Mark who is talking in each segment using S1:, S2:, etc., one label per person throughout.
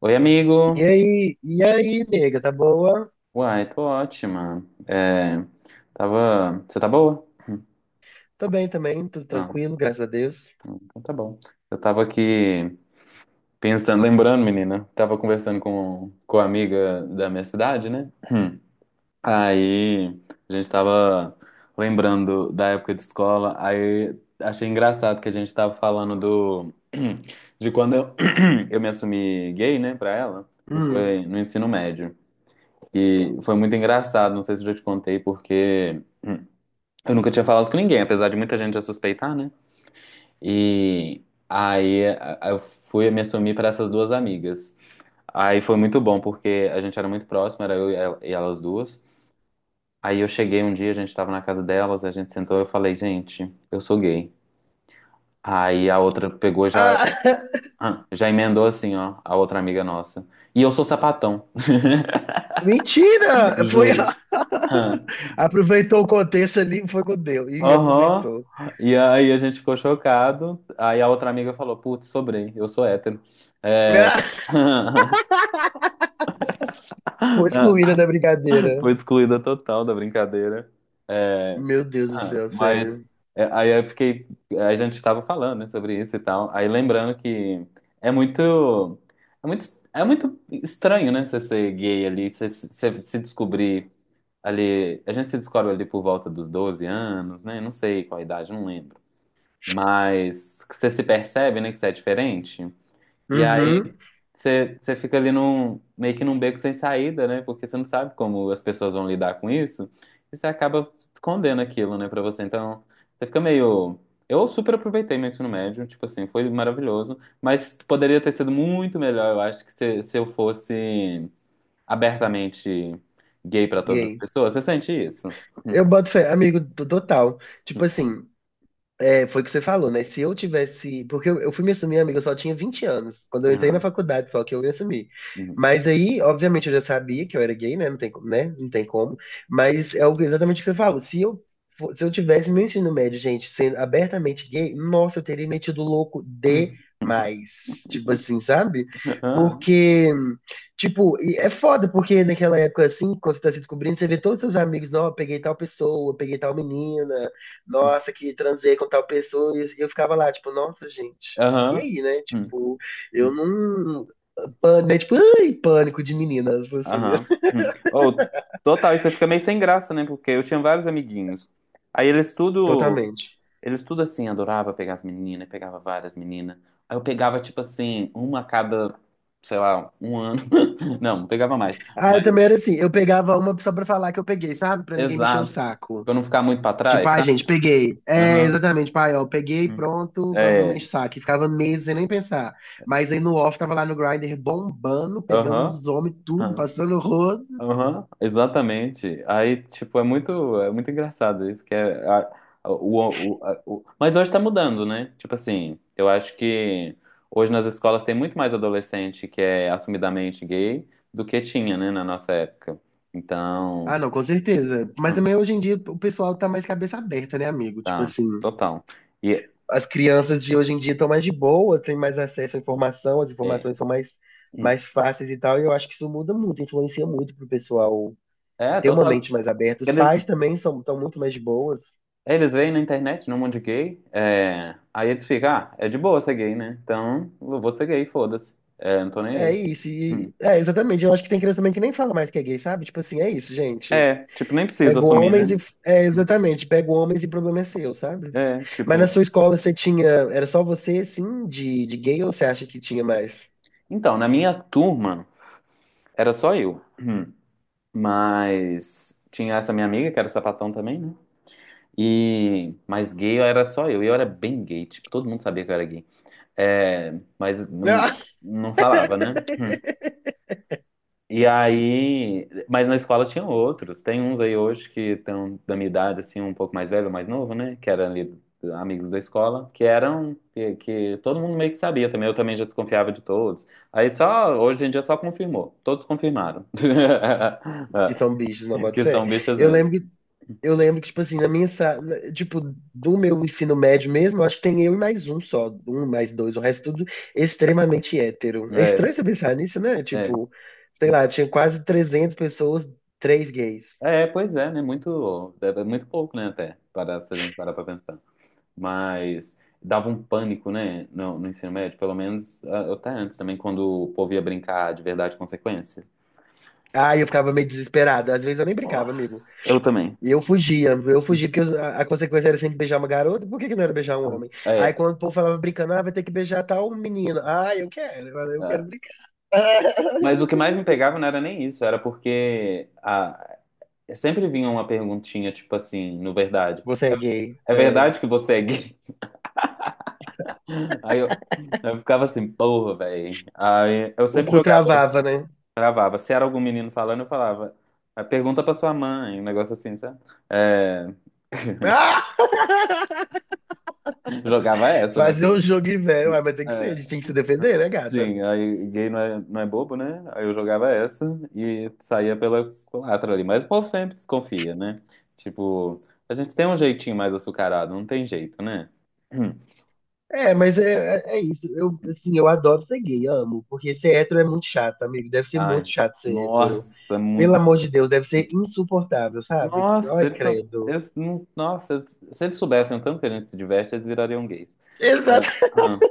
S1: Oi, amigo.
S2: E aí, nega, tá boa?
S1: Uai, tô ótima. É, tava. Você tá boa? Hum.
S2: Tô bem também, tudo
S1: Ah,
S2: tranquilo, graças a Deus.
S1: então tá bom. Eu tava aqui pensando, lembrando, menina, tava conversando com a amiga da minha cidade, né? Aí a gente tava lembrando da época de escola, aí achei engraçado que a gente tava falando do de quando eu, eu me assumi gay, né, pra ela, que
S2: Hum.
S1: foi no ensino médio. E foi muito engraçado, não sei se eu já te contei, porque eu nunca tinha falado com ninguém, apesar de muita gente já suspeitar, né? E aí eu fui me assumir para essas duas amigas. Aí foi muito bom, porque a gente era muito próximo, era eu e e elas duas. Aí eu cheguei um dia, a gente estava na casa delas, a gente sentou e eu falei: gente, eu sou gay. Aí a outra pegou e já,
S2: Ah,
S1: ah, já emendou assim, ó, a outra amiga nossa. E eu sou sapatão,
S2: mentira! Foi.
S1: juro. Ah.
S2: Aproveitou o contexto ali, foi com Deus. E
S1: Aham.
S2: aproveitou.
S1: E aí a gente ficou chocado. Aí a outra amiga falou: putz, sobrei, eu sou hétero.
S2: Ah, foi excluída da brincadeira.
S1: Foi excluída total da brincadeira. É,
S2: Meu Deus do céu,
S1: mas
S2: sério.
S1: é, aí eu fiquei. A gente estava falando, né, sobre isso e tal. Aí lembrando que é muito. É muito, é muito estranho, né? Você ser gay ali, você se descobrir ali. A gente se descobre ali por volta dos 12 anos, né? Não sei qual a idade, não lembro. Mas que você se percebe, né, que você é diferente. E aí
S2: Uhum.
S1: você fica ali meio que num beco sem saída, né? Porque você não sabe como as pessoas vão lidar com isso. E você acaba escondendo aquilo, né, pra você. Então, você fica meio. Eu super aproveitei meu ensino médio, tipo assim, foi maravilhoso. Mas poderia ter sido muito melhor, eu acho, que se eu fosse abertamente gay pra todas as
S2: Gay.
S1: pessoas. Você sente isso?
S2: Eu boto fé, amigo, total. Tipo assim, é, foi o que você falou, né? Se eu tivesse. Porque eu fui me assumir, amiga, eu só tinha 20 anos. Quando eu entrei na
S1: Aham.
S2: faculdade, só que eu me assumi.
S1: Uhum.
S2: Mas aí, obviamente, eu já sabia que eu era gay, né? Não tem, né? Não tem como. Mas é exatamente o que você falou. Se eu tivesse meu ensino médio, gente, sendo abertamente gay, nossa, eu teria metido louco demais. Tipo assim, sabe?
S1: Aham.
S2: Porque. Tipo, e é foda, porque naquela época, assim, quando você tá se descobrindo, você vê todos os seus amigos, não, eu peguei tal pessoa, eu peguei tal menina, nossa, que transei com tal pessoa, e eu ficava lá, tipo, nossa, gente. E
S1: Aham.
S2: aí, né? Tipo, eu não. Pânico, é tipo, ai, pânico de meninas, assim,
S1: Aham. Hum. Ou, total, isso aí fica meio sem graça, né? Porque eu tinha vários amiguinhos. Aí eles tudo,
S2: totalmente.
S1: eles tudo assim, adorava pegar as meninas, pegava várias meninas. Aí eu pegava, tipo assim, uma a cada, sei lá, um ano. Não, pegava mais.
S2: Ah, eu
S1: Mas,
S2: também era assim, eu pegava uma só pra falar que eu peguei, sabe? Pra ninguém me encher o
S1: exato.
S2: saco.
S1: Pra eu não ficar muito pra
S2: Tipo,
S1: trás,
S2: ai,
S1: sabe?
S2: gente, peguei. É,
S1: Aham.
S2: exatamente, pai, ó, peguei,
S1: Hum.
S2: pronto, agora não me enche
S1: É.
S2: o saco. E ficava meses sem nem pensar. Mas aí no off tava lá no Grindr bombando, pegando
S1: Aham.
S2: os homens, tudo, passando o rodo.
S1: Aham, exatamente. Aí, tipo, é muito engraçado isso, que é mas hoje tá mudando, né? Tipo assim, eu acho que hoje nas escolas tem muito mais adolescente que é assumidamente gay do que tinha, né, na nossa época. Então,
S2: Ah, não, com certeza. Mas
S1: hum,
S2: também hoje em dia o pessoal tá mais cabeça aberta, né, amigo? Tipo
S1: tá,
S2: assim,
S1: total. E
S2: as crianças de hoje em dia estão mais de boa, têm mais acesso à informação, as
S1: é,
S2: informações são mais,
S1: hum,
S2: mais fáceis e tal, e eu acho que isso muda muito, influencia muito pro pessoal
S1: é
S2: ter uma
S1: total.
S2: mente mais aberta. Os
S1: Eles,
S2: pais também são, estão muito mais de boas.
S1: eles veem na internet, no mundo gay, é, aí eles ficam: ah, é de boa ser gay, né? Então, eu vou ser gay, foda-se. É, não tô nem
S2: É
S1: aí.
S2: isso, e,
S1: Hum.
S2: é, exatamente. Eu acho que tem criança também que nem fala mais que é gay, sabe? Tipo assim, é isso, gente.
S1: É, tipo, nem precisa
S2: Pego
S1: assumir,
S2: homens e.
S1: né?
S2: É, exatamente, pego homens e problema é seu, sabe?
S1: É,
S2: Mas na
S1: tipo.
S2: sua escola você tinha. Era só você, sim, de gay ou você acha que tinha mais?
S1: Então, na minha turma, era só eu. Hum. Mas tinha essa minha amiga, que era sapatão também, né? E. Mas gay era só eu. E eu era bem gay, tipo, todo mundo sabia que eu era gay. É, mas não, não falava, né? E aí, mas na escola tinha outros. Tem uns aí hoje que estão da minha idade, assim, um pouco mais velho, mais novo, né? Que eram ali amigos da escola, que eram, que todo mundo meio que sabia também. Eu também já desconfiava de todos. Aí só, hoje em dia só confirmou. Todos confirmaram.
S2: Que são bichos, não bota
S1: Que
S2: fé.
S1: são bichas
S2: Eu
S1: mesmo.
S2: lembro que, eu lembro que, tipo assim, na minha sala, tipo, do meu ensino médio mesmo, eu acho que tem eu e mais um só, um mais dois, o resto é tudo extremamente hétero. É
S1: É,
S2: estranho você pensar nisso, né?
S1: é.
S2: Tipo, sei lá, tinha quase 300 pessoas, três gays.
S1: É, pois é, né? Muito, é muito pouco, né? Até, para, se a gente parar pra pensar. Mas dava um pânico, né, no, no ensino médio, pelo menos até antes também, quando o povo ia brincar de verdade e consequência.
S2: Ah, eu ficava meio desesperado. Às vezes eu nem brincava, amigo.
S1: Nossa, eu também.
S2: E eu fugia, porque a consequência era sempre beijar uma garota, por que que não era beijar um homem? Aí
S1: É,
S2: quando o povo falava brincando, ah, vai ter que beijar tal menino. Ah, eu quero, eu
S1: ah,
S2: quero brincar.
S1: mas o que mais me pegava não era nem isso, era porque a sempre vinha uma perguntinha, tipo assim, no verdade.
S2: Você é gay.
S1: É
S2: É.
S1: verdade que você é gay? Aí eu ficava assim, porra, velho. Aí eu
S2: O
S1: sempre
S2: cu
S1: jogava,
S2: travava, né?
S1: gravava. Se era algum menino falando, eu falava: "Ah, pergunta pra sua mãe", um negócio assim, sabe? É.
S2: Ah!
S1: Jogava essa, meu
S2: Fazer um
S1: filho.
S2: jogo velho. Ah, mas tem que ser, a gente
S1: É,
S2: tem que se defender, né, gata?
S1: sim, aí gay não é, não é bobo, né? Aí eu jogava essa e saía pela culatra ali. Mas o povo sempre desconfia, né? Tipo, a gente tem um jeitinho mais açucarado, não tem jeito, né?
S2: É, mas é isso. Eu, assim, eu adoro ser gay, amo. Porque ser hétero é muito chato, amigo. Deve ser muito
S1: Ai,
S2: chato ser hétero.
S1: nossa,
S2: Pelo
S1: muito.
S2: amor de Deus, deve ser insuportável, sabe?
S1: Nossa,
S2: Ai,
S1: eles são.
S2: credo.
S1: Eles, não- Nossa, se eles soubessem o tanto que a gente se diverte, eles virariam gays. É,
S2: Exato.
S1: ah,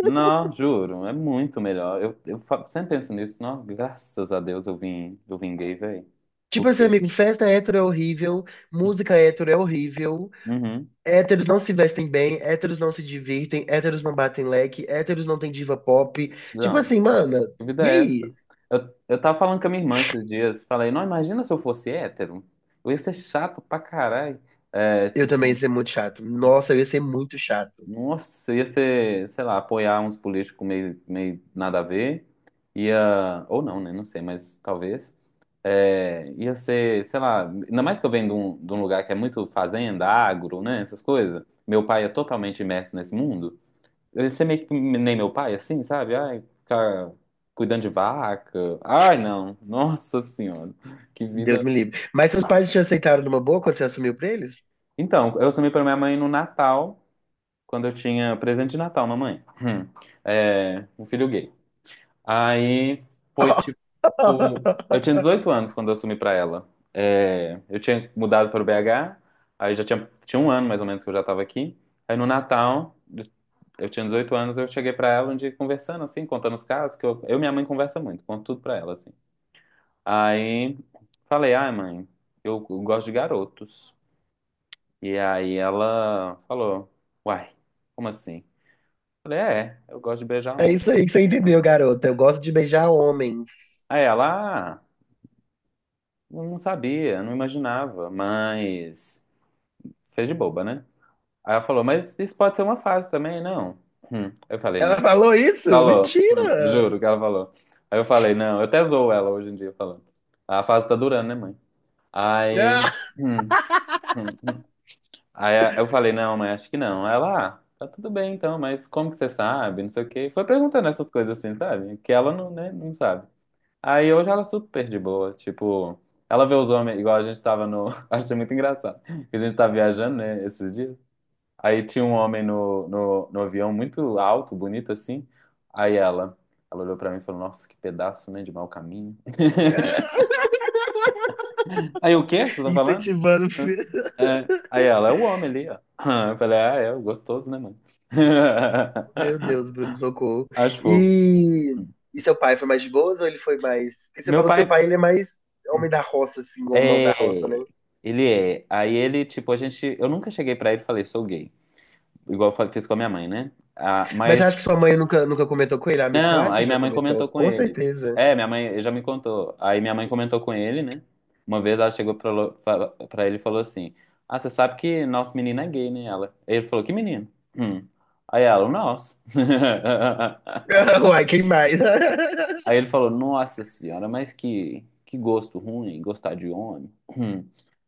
S1: não, juro, é muito melhor. Sempre penso nisso, não, graças a Deus eu vim, gay, velho.
S2: Tipo assim,
S1: Porque.
S2: amigo, festa hétero é horrível, música hétero é horrível,
S1: Uhum.
S2: héteros não se vestem bem, héteros não se divertem, héteros não batem leque, héteros não tem diva pop. Tipo
S1: Não,
S2: assim, mana,
S1: que vida
S2: e
S1: é essa?
S2: aí?
S1: Eu tava falando com a minha irmã esses dias, falei, não, imagina se eu fosse hétero, eu ia ser chato pra caralho. É,
S2: Eu também ia
S1: tipo,
S2: ser muito chato. Nossa, eu ia ser muito chato.
S1: nossa, eu ia ser, sei lá, apoiar uns políticos meio, meio nada a ver, ia, ou não, né, não sei, mas talvez. É, ia ser, sei lá, ainda mais que eu venho de um lugar que é muito fazenda, agro, né, essas coisas, meu pai é totalmente imerso nesse mundo. Ele ser meio que nem meu pai, assim, sabe? Ai, ficar cuidando de vaca. Ai, não. Nossa Senhora. Que
S2: Deus
S1: vida.
S2: me livre. Mas seus pais te aceitaram numa boa quando você assumiu pra eles?
S1: Então, eu assumi para minha mãe no Natal, quando eu tinha presente de Natal, mamãe. Hum. É, um filho gay. Aí foi tipo. Eu tinha 18 anos quando eu assumi para ela. É, eu tinha mudado para o BH, aí já tinha um ano mais ou menos que eu já estava aqui. Aí no Natal. Eu tinha 18 anos, eu cheguei pra ela um dia conversando, assim, contando os casos, que eu e minha mãe conversa muito, conto tudo pra ela, assim. Aí falei: ai, mãe, eu gosto de garotos. E aí ela falou: uai, como assim? Falei: é, eu gosto de beijar
S2: É
S1: homem.
S2: isso aí que você entendeu, garota. Eu gosto de beijar homens.
S1: Aí ela: ah, eu não sabia, não imaginava, mas fez de boba, né? Aí ela falou: mas isso pode ser uma fase também, não? Hum. Eu falei,
S2: Ela falou isso?
S1: falou,
S2: Mentira!
S1: juro que ela falou. Aí eu falei, não, eu até zoo ela hoje em dia falando: a fase tá durando, né, mãe? Aí.
S2: Ah,
S1: Hum, hum. Aí eu falei: não, mãe, acho que não. Aí ela: ah, tá tudo bem então, mas como que você sabe? Não sei o quê. Foi perguntando essas coisas assim, sabe? Que ela não, né, não sabe. Aí hoje ela é super de boa, tipo, ela vê os homens, igual a gente tava no. Achei muito engraçado. Que a gente tá viajando, né, esses dias. Aí tinha um homem no avião muito alto, bonito assim. Aí ela olhou pra mim e falou: Nossa, que pedaço, né, de mau caminho.
S2: ah,
S1: Aí o quê que você tá falando?
S2: incentivando.
S1: Hã? É. Aí ela: é o homem ali, ó. Eu falei: Ah, é gostoso, né, mano?
S2: Meu Deus, Bruno, socorro.
S1: Acho fofo.
S2: E, e seu pai foi mais de boas ou ele foi mais. Porque você
S1: Meu
S2: falou que seu
S1: pai
S2: pai ele é mais homem da roça, assim, ou mão da roça, né?
S1: é. Ele é. Aí ele, tipo, a gente. Eu nunca cheguei pra ele e falei: Sou gay. Igual eu fiz com a minha mãe, né? Ah,
S2: Mas eu
S1: mas.
S2: acho que sua mãe nunca, nunca comentou com ele. Ah, amigo,
S1: Não,
S2: claro que
S1: aí
S2: já
S1: minha mãe
S2: comentou,
S1: comentou com
S2: com
S1: ele.
S2: certeza.
S1: É, minha mãe ele já me contou. Aí minha mãe comentou com ele, né? Uma vez ela chegou pra ele e falou assim: ah, você sabe que nosso menino é gay, né? Ela. Ele falou: que menino? Hum. Aí ela: o nosso.
S2: Uai, quem mais?
S1: Aí ele falou: Nossa senhora, mas que gosto ruim, gostar de homem. Hum.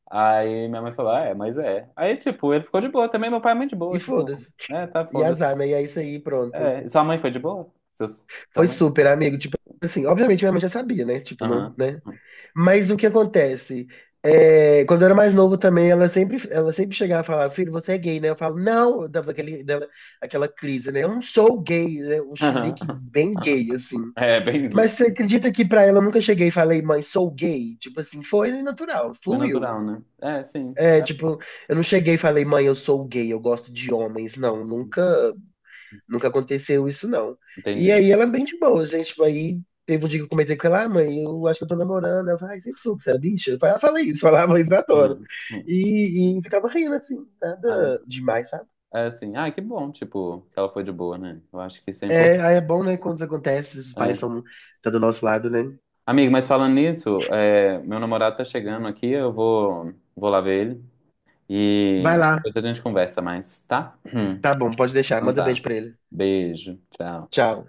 S1: Aí minha mãe falou: "Ah, é, mas é." Aí, tipo, ele ficou de boa também. Meu pai é muito de
S2: E
S1: boa, tipo,
S2: foda-se.
S1: é, tá
S2: E
S1: foda-se.
S2: azar, né? E é isso aí, pronto.
S1: É. Sua mãe foi de boa? Seus, sua
S2: Foi
S1: mãe?
S2: super, amigo. Tipo assim, obviamente minha mãe já sabia, né? Tipo, não,
S1: Aham.
S2: né? Mas o que acontece? É, quando eu era mais novo também, ela sempre chegava e falava, filho, você é gay, né? Eu falo, não, eu dava aquele, dela, aquela crise, né? Eu não sou gay, né? Um chilique bem gay, assim.
S1: É, bem gay.
S2: Mas você acredita que pra ela eu nunca cheguei e falei, mãe, sou gay? Tipo assim, foi natural,
S1: Foi
S2: fluiu.
S1: natural, né? É, sim.
S2: É, tipo, eu não cheguei e falei, mãe, eu sou gay, eu gosto de homens. Não, nunca, nunca aconteceu isso, não. E
S1: Entendi.
S2: aí ela é bem de boa, gente. Tipo, aí teve um dia que eu comentei com ela, ah, mãe, eu acho que eu tô namorando. Ela falou, ai, sempre soube que você era bicha. Eu falei, ela fala isso, falava isso na tora.
S1: Uhum. Uhum.
S2: E ficava rindo, assim,
S1: Ah,
S2: nada demais, sabe?
S1: é assim, que bom, tipo, que ela foi de boa, né? Eu acho que isso é
S2: É, aí é
S1: importante.
S2: bom, né, quando isso acontece, os pais
S1: É.
S2: são, tá do nosso lado, né?
S1: Amigo, mas falando nisso, é, meu namorado tá chegando aqui, eu vou lá ver ele e
S2: Vai
S1: aí
S2: lá,
S1: depois a gente conversa mais, tá?
S2: tá bom, pode deixar,
S1: Então
S2: manda
S1: tá.
S2: beijo pra ele.
S1: Beijo, tchau.
S2: Tchau.